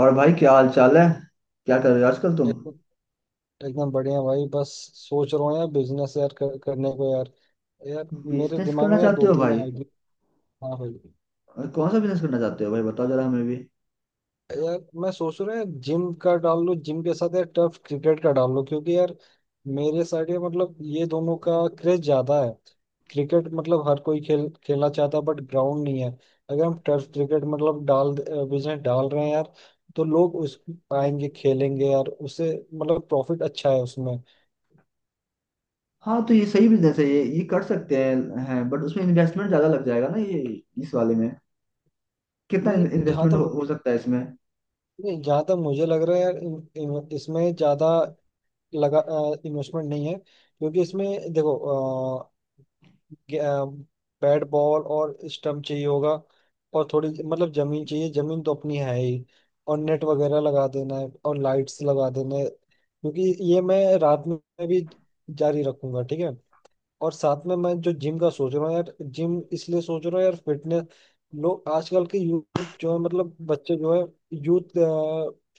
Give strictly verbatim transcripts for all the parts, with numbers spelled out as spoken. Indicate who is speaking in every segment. Speaker 1: और भाई, क्या हाल चाल है? क्या कर रहे हो आजकल तुम?
Speaker 2: एकदम एकदम बढ़िया भाई। बस सोच रहा हूँ यार बिजनेस यार कर, करने को यार। यार मेरे
Speaker 1: बिजनेस
Speaker 2: दिमाग
Speaker 1: करना
Speaker 2: में यार
Speaker 1: चाहते
Speaker 2: दो
Speaker 1: हो
Speaker 2: तीन
Speaker 1: भाई?
Speaker 2: आइडिया। हाँ भाई।
Speaker 1: और कौन सा बिजनेस करना चाहते हो भाई, बताओ जरा हमें भी।
Speaker 2: यार मैं सोच रहा हूँ यार जिम का डाल लूँ, जिम के साथ यार टर्फ क्रिकेट का डाल लूँ क्योंकि यार मेरे साइड ये मतलब ये दोनों का क्रेज ज्यादा है। क्रिकेट मतलब हर कोई खेल खेलना चाहता है बट ग्राउंड नहीं है। अगर हम टर्फ क्रिकेट मतलब डाल बिजनेस डाल रहे हैं यार तो लोग उस आएंगे खेलेंगे यार उससे मतलब प्रॉफिट अच्छा है उसमें।
Speaker 1: हाँ, तो ये सही बिजनेस है, ये ये कर सकते हैं हैं बट उसमें इन्वेस्टमेंट ज्यादा लग जाएगा ना, ये इस वाले में कितना
Speaker 2: नहीं जहाँ
Speaker 1: इन्वेस्टमेंट हो,
Speaker 2: तक,
Speaker 1: हो सकता है इसमें?
Speaker 2: नहीं जहाँ तक मुझे लग रहा है यार इन- इन- इसमें ज़्यादा लगा इन्वेस्टमेंट नहीं है क्योंकि इसमें देखो अ, गे- अ, बैट बॉल और स्टम्प चाहिए होगा। और थोड़ी मतलब ज़मीन चाहिए, ज़मीन तो अपनी है ही। और नेट वगैरह लगा देना है और लाइट्स लगा देना है क्योंकि ये मैं रात में भी जारी रखूंगा, ठीक है। और साथ में मैं जो जिम का सोच रहा हूँ यार, जिम इसलिए सोच रहा हूँ यार फिटनेस, लोग आजकल के यूथ जो है मतलब बच्चे जो है, यूथ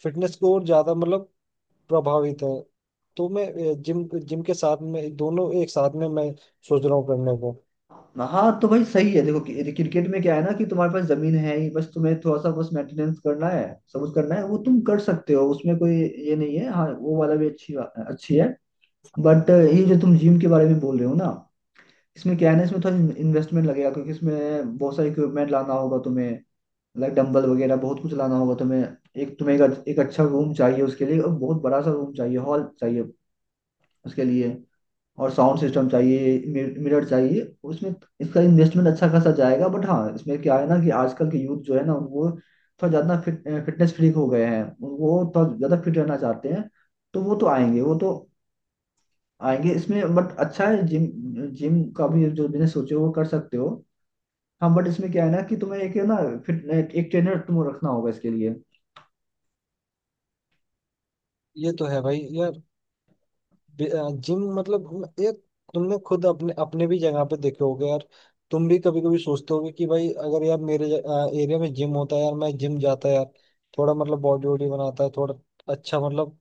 Speaker 2: फिटनेस को और ज्यादा मतलब प्रभावित है। तो मैं जिम जिम के साथ में दोनों एक साथ में मैं सोच रहा हूँ करने को।
Speaker 1: हाँ, तो भाई सही है, देखो कि- क्रिकेट में क्या है ना, कि तुम्हारे पास जमीन है ही, बस तुम्हें थोड़ा सा बस मेंटेनेंस करना है। सब कुछ करना है वो तुम कर सकते हो, उसमें कोई ये नहीं है। हाँ, वो वाला भी अच्छी बा- अच्छी है। बट ये जो तुम जिम के बारे में बोल रहे हो ना, इसमें क्या है ना, इसमें थोड़ा इन्वेस्टमेंट लगेगा क्योंकि इसमें बहुत सारे इक्विपमेंट लाना होगा तुम्हें। लाइक डंबल वगैरह बहुत कुछ लाना होगा तुम्हें। एक तुम्हें एक, एक अच्छा रूम चाहिए उसके लिए, और बहुत बड़ा सा रूम चाहिए, हॉल चाहिए उसके लिए। और साउंड सिस्टम चाहिए। मिरर चाहिए उसमें। इसका इन्वेस्टमेंट अच्छा खासा जाएगा, बट हाँ इसमें क्या है ना, कि आजकल के यूथ जो है ना, वो थोड़ा ज़्यादा फिट फिटनेस फ्रीक हो गए हैं, वो थोड़ा ज़्यादा फिट रहना चाहते हैं। तो वो तो आएंगे वो तो आएंगे इसमें, बट अच्छा है जिम जिम का भी जो बिजनेस सोचे हो वो कर सकते हो। हाँ बट इसमें क्या है ना, कि तुम्हें एक है ना, फिर एक ट्रेनर तुम्हें रखना होगा इसके लिए।
Speaker 2: ये तो है भाई यार। बे- अ, जिम मतलब हम- एक, तुमने खुद अपने अपने भी जगह पे देखे होगे यार। तुम भी कभी कभी सोचते होगे कि भाई अगर यार मेरे एरिया में जिम होता है यार, मैं जिम जाता है यार, थोड़ा मतलब बॉडी वॉडी बनाता है, थोड़ा अच्छा मतलब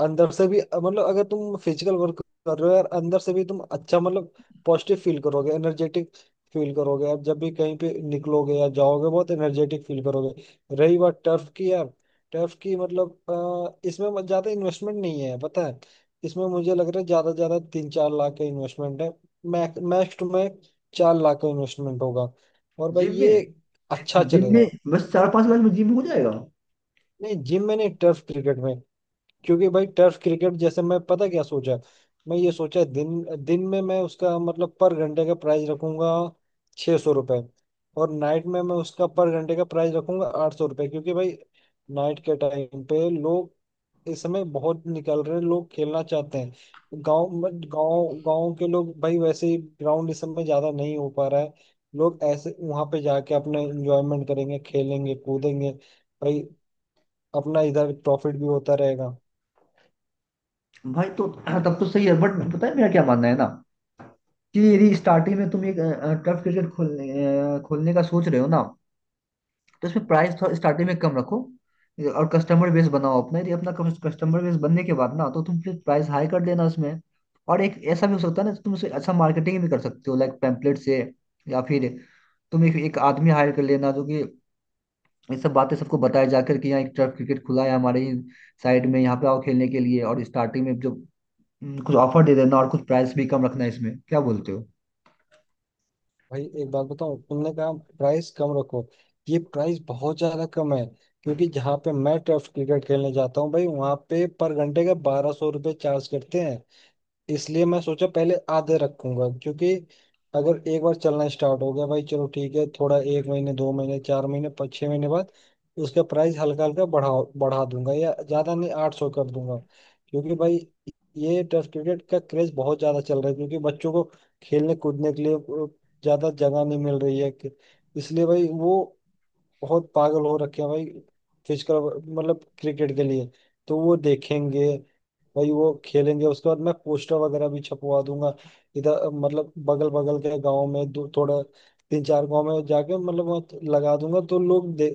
Speaker 2: अंदर से भी मतलब अगर तुम फिजिकल वर्क कर रहे हो यार, अंदर से भी तुम अच्छा मतलब पॉजिटिव फील करोगे, एनर्जेटिक फील करोगे यार, जब भी कहीं पे निकलोगे या जाओगे बहुत एनर्जेटिक फील करोगे। रही बात टर्फ की यार, टर्फ की मतलब अ, इसमें मत- ज्यादा इन्वेस्टमेंट नहीं है, पता है। इसमें मुझे लग रहा है ज्यादा से ज्यादा तीन चार लाख का इन्वेस्टमेंट है, मैक्स मैक्स में चार लाख का इन्वेस्टमेंट होगा। और भाई
Speaker 1: जिम में
Speaker 2: ये अच्छा
Speaker 1: जिम में
Speaker 2: चलेगा।
Speaker 1: बस चार पांच लाख में जिम हो जाएगा?
Speaker 2: नहीं जिम में नहीं, टर्फ क्रिकेट में। क्योंकि भाई टर्फ क्रिकेट जैसे, मैं पता क्या सोचा, मैं ये सोचा दिन दिन में मैं उसका मतलब पर घंटे का प्राइस रखूंगा छह सौ रुपये, और नाइट में मैं उसका पर घंटे का प्राइस रखूंगा आठ सौ रुपये क्योंकि भाई नाइट के टाइम पे लोग इस समय बहुत निकल रहे हैं, लोग खेलना चाहते हैं। गांव गांव गांव के लोग भाई, वैसे ही ग्राउंड इस समय ज्यादा नहीं हो पा रहा है, लोग ऐसे वहां पे जाके अपने एंजॉयमेंट करेंगे, खेलेंगे कूदेंगे भाई, अपना इधर प्रॉफिट भी होता रहेगा।
Speaker 1: भाई, तो हाँ, तब तो सही है, बट पता है मेरा क्या मानना है ना, कि यदि स्टार्टिंग में तुम एक टर्फ क्रिकेट खोलने अ, खोलने का सोच रहे हो ना, तो इसमें प्राइस थोड़ा स्टार्टिंग में कम रखो। और कस्टमर बेस बनाओ अपना, यदि अपना कस्टमर बेस बनने के बाद ना, तो तुम फिर प्राइस हाई कर देना उसमें। और एक ऐसा भी हो सकता है ना, तुम उसे अच्छा मार्केटिंग भी कर सकते हो, लाइक पैम्पलेट से, या फिर तुम एक, एक आदमी हायर कर लेना, जो कि ये सब बातें सबको बताया जाकर, कि यहाँ एक तरफ क्रिकेट खुला है हमारे ही साइड में, यहाँ पे आओ खेलने के लिए। और स्टार्टिंग में जो हम्म, कुछ ऑफर दे देना, और कुछ प्राइस भी कम रखना है, इसमें क्या बोलते हो?
Speaker 2: भाई एक बात बताऊं, तुमने कहा प्राइस कम रखो, ये प्राइस बहुत ज्यादा कम है क्योंकि जहाँ पे मैं टर्फ क्रिकेट खेलने जाता हूँ भाई वहाँ पे पर घंटे का बारह सौ रुपये चार्ज करते हैं। इसलिए मैं सोचा पहले आधे रखूंगा, क्योंकि अगर एक बार चलना स्टार्ट हो गया भाई चलो ठीक है, थोड़ा एक महीने दो महीने चार महीने पाँच छह महीने बाद उसका प्राइस हल्का हल्का बढ़ा बढ़ा दूंगा, या ज्यादा नहीं, आठ सौ कर दूंगा। क्योंकि भाई ये टेस्ट क्रिकेट का क्रेज बहुत ज्यादा चल रहा है क्योंकि बच्चों को खेलने कूदने के लिए अ, ज्यादा जगह नहीं मिल रही है कि- इसलिए भाई वो बहुत पागल हो रखे हैं भाई, फिजिकल मतलब क्रिकेट के लिए। तो वो देखेंगे भाई वो खेलेंगे, उसके बाद मैं पोस्टर वगैरह भी छपवा दूंगा इधर मतलब बगल बगल के गांव में, दो थोड़ा तीन चार गांव में जाके मतलब वहाँ लगा दूंगा तो लोग दे,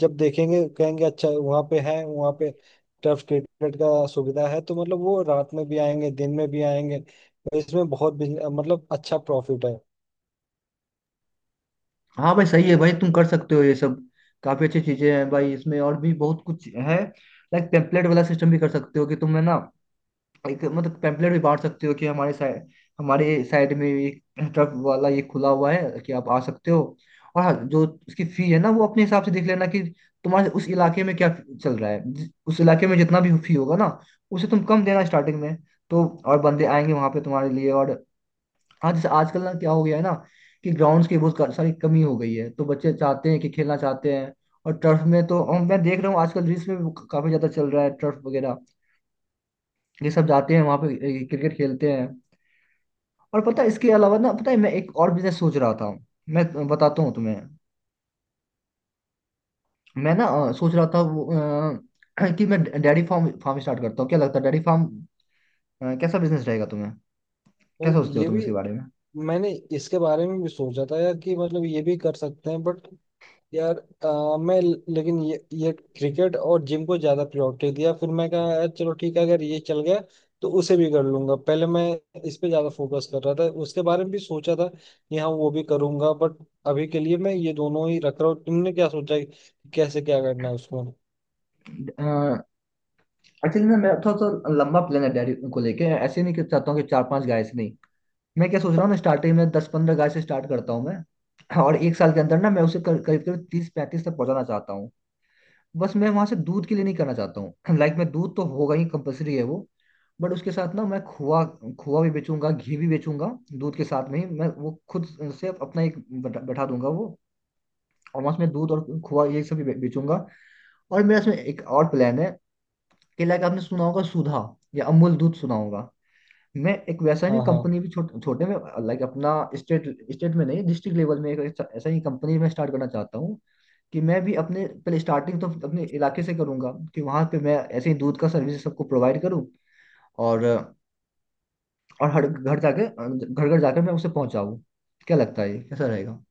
Speaker 2: जब देखेंगे कहेंगे अच्छा वहाँ पे है, वहाँ पे टर्फ क्रिकेट का सुविधा है तो मतलब वो रात में भी आएंगे दिन में भी आएंगे। और इसमें बहुत बिजन- मतलब अच्छा प्रॉफिट है।
Speaker 1: हाँ भाई, सही है भाई, तुम कर सकते हो ये सब। काफी अच्छी चीजें हैं भाई, इसमें और भी बहुत कुछ है। लाइक टेम्पलेट वाला सिस्टम भी कर सकते हो कि तुम, है ना, एक मतलब पैम्पलेट भी बांट सकते हो कि हमारे साइड हमारे साइड में एक ट्रक वाला ये खुला हुआ है, कि आप आ सकते हो। और हाँ, जो उसकी फी है ना, वो अपने हिसाब से देख लेना, कि तुम्हारे उस इलाके में क्या चल रहा है। जिस- उस इलाके में जितना भी फी होगा ना, उसे तुम कम देना स्टार्टिंग में। तो और बंदे आएंगे वहां पे तुम्हारे लिए। और हाँ, जैसे आजकल ना, क्या हो गया है ना, कि ग्राउंड्स की बहुत सारी कमी हो गई है, तो बच्चे चाहते हैं कि खेलना चाहते हैं। और टर्फ में तो हम- मैं देख रहा हूँ आजकल रील्स में भी काफी ज्यादा चल रहा है टर्फ वगैरह। ये सब जाते हैं वहाँ पे, क्रिकेट खेलते हैं। और पता है, इसके अलावा ना, पता है मैं एक और बिजनेस सोच रहा था। मैं बताता हूँ तुम्हें। मैं ना अ, सोच रहा था वो, अ, कि मैं डेयरी फार्म फार्म स्टार्ट करता हूँ। क्या लगता है, डेयरी फार्म कैसा बिजनेस रहेगा तुम्हें? क्या
Speaker 2: भाई
Speaker 1: सोचते हो
Speaker 2: ये
Speaker 1: तुम
Speaker 2: भी
Speaker 1: इसके बारे में?
Speaker 2: मैंने इसके बारे में भी सोचा था यार, कि मतलब ये भी कर सकते हैं बट यार अ, मैं, लेकिन ये ये क्रिकेट और जिम को ज्यादा प्रायोरिटी दिया, फिर मैं कहा यार चलो ठीक है अगर ये चल गया तो उसे भी कर लूंगा, पहले मैं इस पे ज्यादा फोकस कर रहा था, उसके बारे में भी सोचा था कि हाँ वो भी करूंगा बट अभी के लिए मैं ये दोनों ही रख रहा हूँ। तुमने क्या सोचा है कि कैसे क्या करना है उसमें।
Speaker 1: एक्चुअली ना, मेरा थोड़ा सा लंबा प्लान है डेयरी को लेके, ऐसे नहीं कि चाहता हूँ कि चार पांच गाय से, नहीं। मैं क्या सोच रहा हूँ ना, स्टार्टिंग में दस पंद्रह गाय से स्टार्ट करता हूँ मैं, और एक साल के अंदर ना मैं उसे कर- करीब करीब तीस पैंतीस तक पहुंचाना चाहता हूँ। बस मैं वहां से दूध के लिए नहीं करना चाहता हूँ। लाइक, मैं दूध तो होगा ही, कंपलसरी है वो। बट उसके साथ ना मैं खोआ खोआ भी बेचूंगा, घी भी बेचूंगा। दूध के साथ में ही मैं वो खुद से अपना एक बैठा बैठा दूंगा वो। और वहां से मैं दूध और खोआ ये सब भी बे- बेचूंगा। और मेरा इसमें एक और प्लान है, कि लाइक आपने सुना होगा सुधा या अमूल दूध, सुना होगा? मैं एक वैसा ही
Speaker 2: हाँ हाँ
Speaker 1: कंपनी भी छोटे छोटे में, लाइक अपना स्टेट स्टेट में नहीं, डिस्ट्रिक्ट लेवल में एक ऐसा ऐसा ही कंपनी में स्टार्ट करना चाहता हूँ। कि मैं भी अपने पहले स्टार्टिंग तो अपने इलाके से करूंगा, कि वहां पे मैं ऐसे ही दूध का सर्विस सबको प्रोवाइड करूँ, और और हर घर जाके, घर घर जाकर मैं उसे पहुंचाऊँ। क्या लगता है ये? कैसा रहेगा?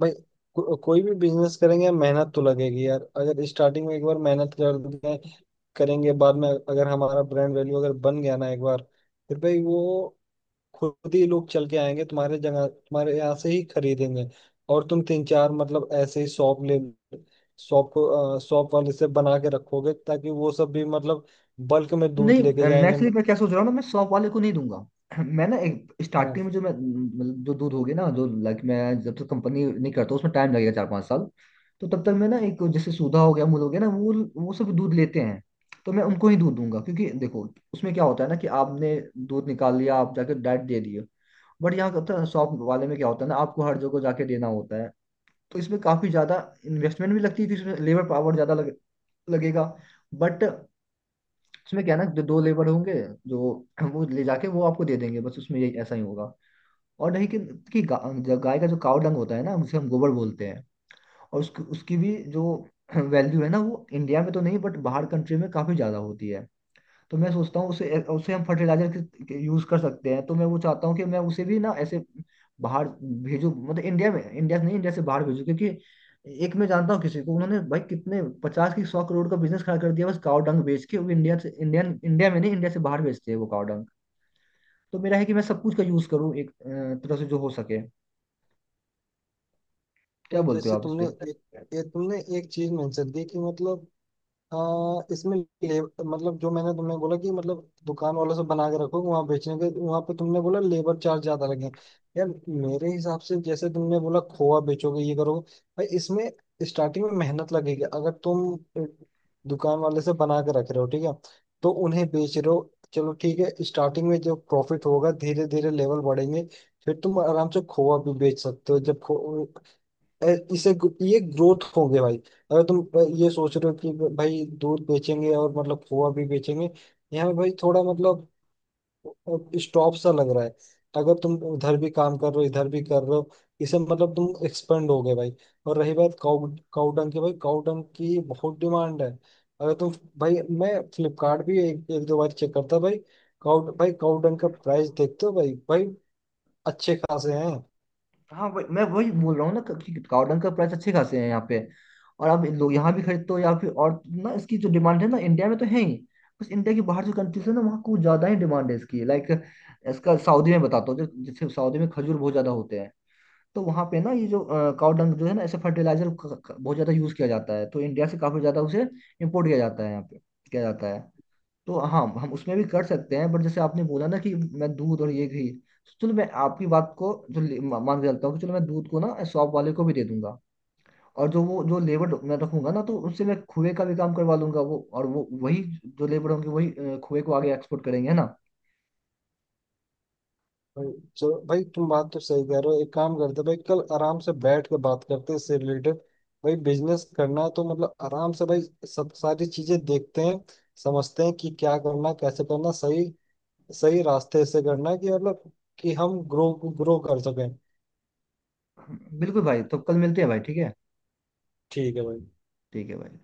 Speaker 2: भाई, को, कोई भी बिजनेस करेंगे मेहनत तो लगेगी यार, अगर स्टार्टिंग में एक बार मेहनत कर दें करेंगे बाद में, अगर हमारा ब्रांड वैल्यू अगर बन गया ना एक बार, फिर भाई वो खुद ही लोग चल के आएंगे तुम्हारे जगह, तुम्हारे यहाँ से ही खरीदेंगे। और तुम तीन चार मतलब ऐसे ही शॉप ले शॉप को शॉप वाले से बना के रखोगे ताकि वो सब भी मतलब बल्क में दूध
Speaker 1: नहीं,
Speaker 2: लेके
Speaker 1: मैं
Speaker 2: जाएंगे।
Speaker 1: एक्चुअली, मैं क्या सोच रहा हूँ ना, मैं शॉप वाले को नहीं दूंगा। मैं ना एक स्टार्टिंग
Speaker 2: हाँ
Speaker 1: में, जो मैं मतलब जो दूध होगी ना, जो लाइक मैं जब तक कंपनी नहीं करता, उसमें टाइम लगेगा चार पाँच साल। तो तब तक मैं ना एक, जैसे सुधा हो गया, अमूल हो गया ना, वो वो सब दूध लेते हैं। तो मैं उनको ही दूध दूंगा क्योंकि देखो, उसमें क्या होता है ना, कि आपने दूध निकाल लिया, आप जाके डाइट दे दिए। बट यहाँ होता है शॉप वाले में, क्या होता है ना, आपको हर जगह जाके देना होता है। तो इसमें काफी ज्यादा इन्वेस्टमेंट भी लगती है, क्योंकि इसमें लेबर पावर ज्यादा लगे, लगेगा। बट उसमें क्या है ना, जो दो लेबर होंगे, जो वो ले जाके वो आपको दे देंगे, बस उसमें यही ऐसा ही होगा। और नहीं कि, कि गा, जो गाय का जो काव डंग होता है ना, उसे हम गोबर बोलते हैं। और उसकी उसकी भी जो वैल्यू है ना, वो इंडिया में तो नहीं बट बाहर कंट्री में काफी ज्यादा होती है। तो मैं सोचता हूँ उसे उसे हम फर्टिलाइजर यूज कर सकते हैं, तो मैं वो चाहता हूँ कि मैं उसे भी ना ऐसे बाहर भेजू, मतलब इंडिया में, इंडिया से नहीं, इंडिया से बाहर भेजू, क्योंकि एक मैं जानता हूँ किसी को, उन्होंने भाई कितने पचास की सौ करोड़ का बिजनेस खड़ा कर दिया बस काव डंग बेच के, वो इंडिया से इंडियन इंडिया में नहीं, इंडिया से बाहर बेचते हैं वो काव डंग। तो मेरा है कि मैं सब कुछ का यूज करूँ एक अ, तरह से जो हो सके। क्या
Speaker 2: भाई,
Speaker 1: बोलते हो
Speaker 2: जैसे
Speaker 1: आप इस
Speaker 2: तुमने
Speaker 1: पे?
Speaker 2: एक, एक तुमने एक चीज मेंशन की कि मतलब हाँ, इसमें ले- मतलब जो मैंने तुम्हें बोला कि मतलब दुकान वालों से बना के रखो वहां बेचने के, वहां पे तुमने बोला लेबर चार्ज ज्यादा लगे, यार मेरे हिसाब से जैसे तुमने बोला खोआ बेचोगे ये करोगे, भाई इसमें स्टार्टिंग में मेहनत लगेगी, अगर तुम अ, दुकान वाले से बना के रख रहे हो ठीक है तो उन्हें बेच रहे हो, चलो ठीक है स्टार्टिंग में जो प्रॉफिट होगा धीरे धीरे लेवल बढ़ेंगे, फिर तुम आराम से खोआ भी बेच सकते हो जब अ, इसे ये ग्रोथ हो गया भाई। अगर तुम अ, ये सोच रहे हो कि भाई दूध बेचेंगे और मतलब खोआ भी बेचेंगे, यहाँ पे भाई थोड़ा मतलब स्टॉप सा लग रहा है, अगर तुम उधर भी काम कर रहे हो इधर भी कर रहे हो इसे मतलब तुम एक्सपेंड हो गए भाई। और रही बात काउ काउ डंग की, भाई काउ डंग की बहुत डिमांड है, अगर तुम भाई मैं फ्लिपकार्ट भी एक, एक दो बार चेक करता भाई, काउ भाई काउ डंग का प्राइस देखते हो भाई, भाई अच्छे खासे हैं।
Speaker 1: हाँ, वही मैं वही बोल रहा हूँ ना, कि गार्डन का प्राइस अच्छे खासे हैं यहाँ पे। और आप लोग यहाँ भी खरीदते हो या फिर, और ना, इसकी जो डिमांड है ना, इंडिया में तो है ही, बस इंडिया की बाहर जो कंट्रीज है ना, वहाँ कुछ ज्यादा ही डिमांड है इसकी, लाइक इसका सऊदी में बताता हूँ, जो- जैसे सऊदी में खजूर बहुत ज्यादा होते हैं। तो वहाँ पे ना, ये जो काउडंग जो है ना, ऐसे फर्टिलाइजर बहुत ज्यादा यूज किया जाता है, तो इंडिया से काफी ज्यादा उसे इम्पोर्ट किया जाता है यहाँ पे, किया जाता है। तो हाँ, हम उसमें भी कर सकते हैं, बट जैसे आपने बोला ना कि मैं दूध और ये घी, तो चलो मैं आपकी बात को जो ले- मा- मान के चलता हूँ कि चलो, मैं दूध को ना शॉप वाले को भी दे दूंगा। और जो वो जो लेबर मैं रखूंगा ना, तो उससे मैं खुए का भी काम करवा लूंगा वो, और वो वही जो लेबर होंगे वही अ, खुए को आगे एक्सपोर्ट करेंगे, है ना?
Speaker 2: भाई चलो भाई तुम बात तो सही कह रहे हो, एक काम करते भाई कल आराम से बैठ के बात करते हैं इससे रिलेटेड, भाई बिजनेस करना है तो मतलब आराम से भाई सब सारी चीजें देखते हैं, समझते हैं कि क्या करना कैसे करना, सही सही रास्ते से करना है कि मतलब कि हम ग्रो ग्रो कर सकें।
Speaker 1: बिल्कुल भाई, तो कल मिलते हैं भाई, ठीक है?
Speaker 2: ठीक है भाई।
Speaker 1: ठीक है भाई।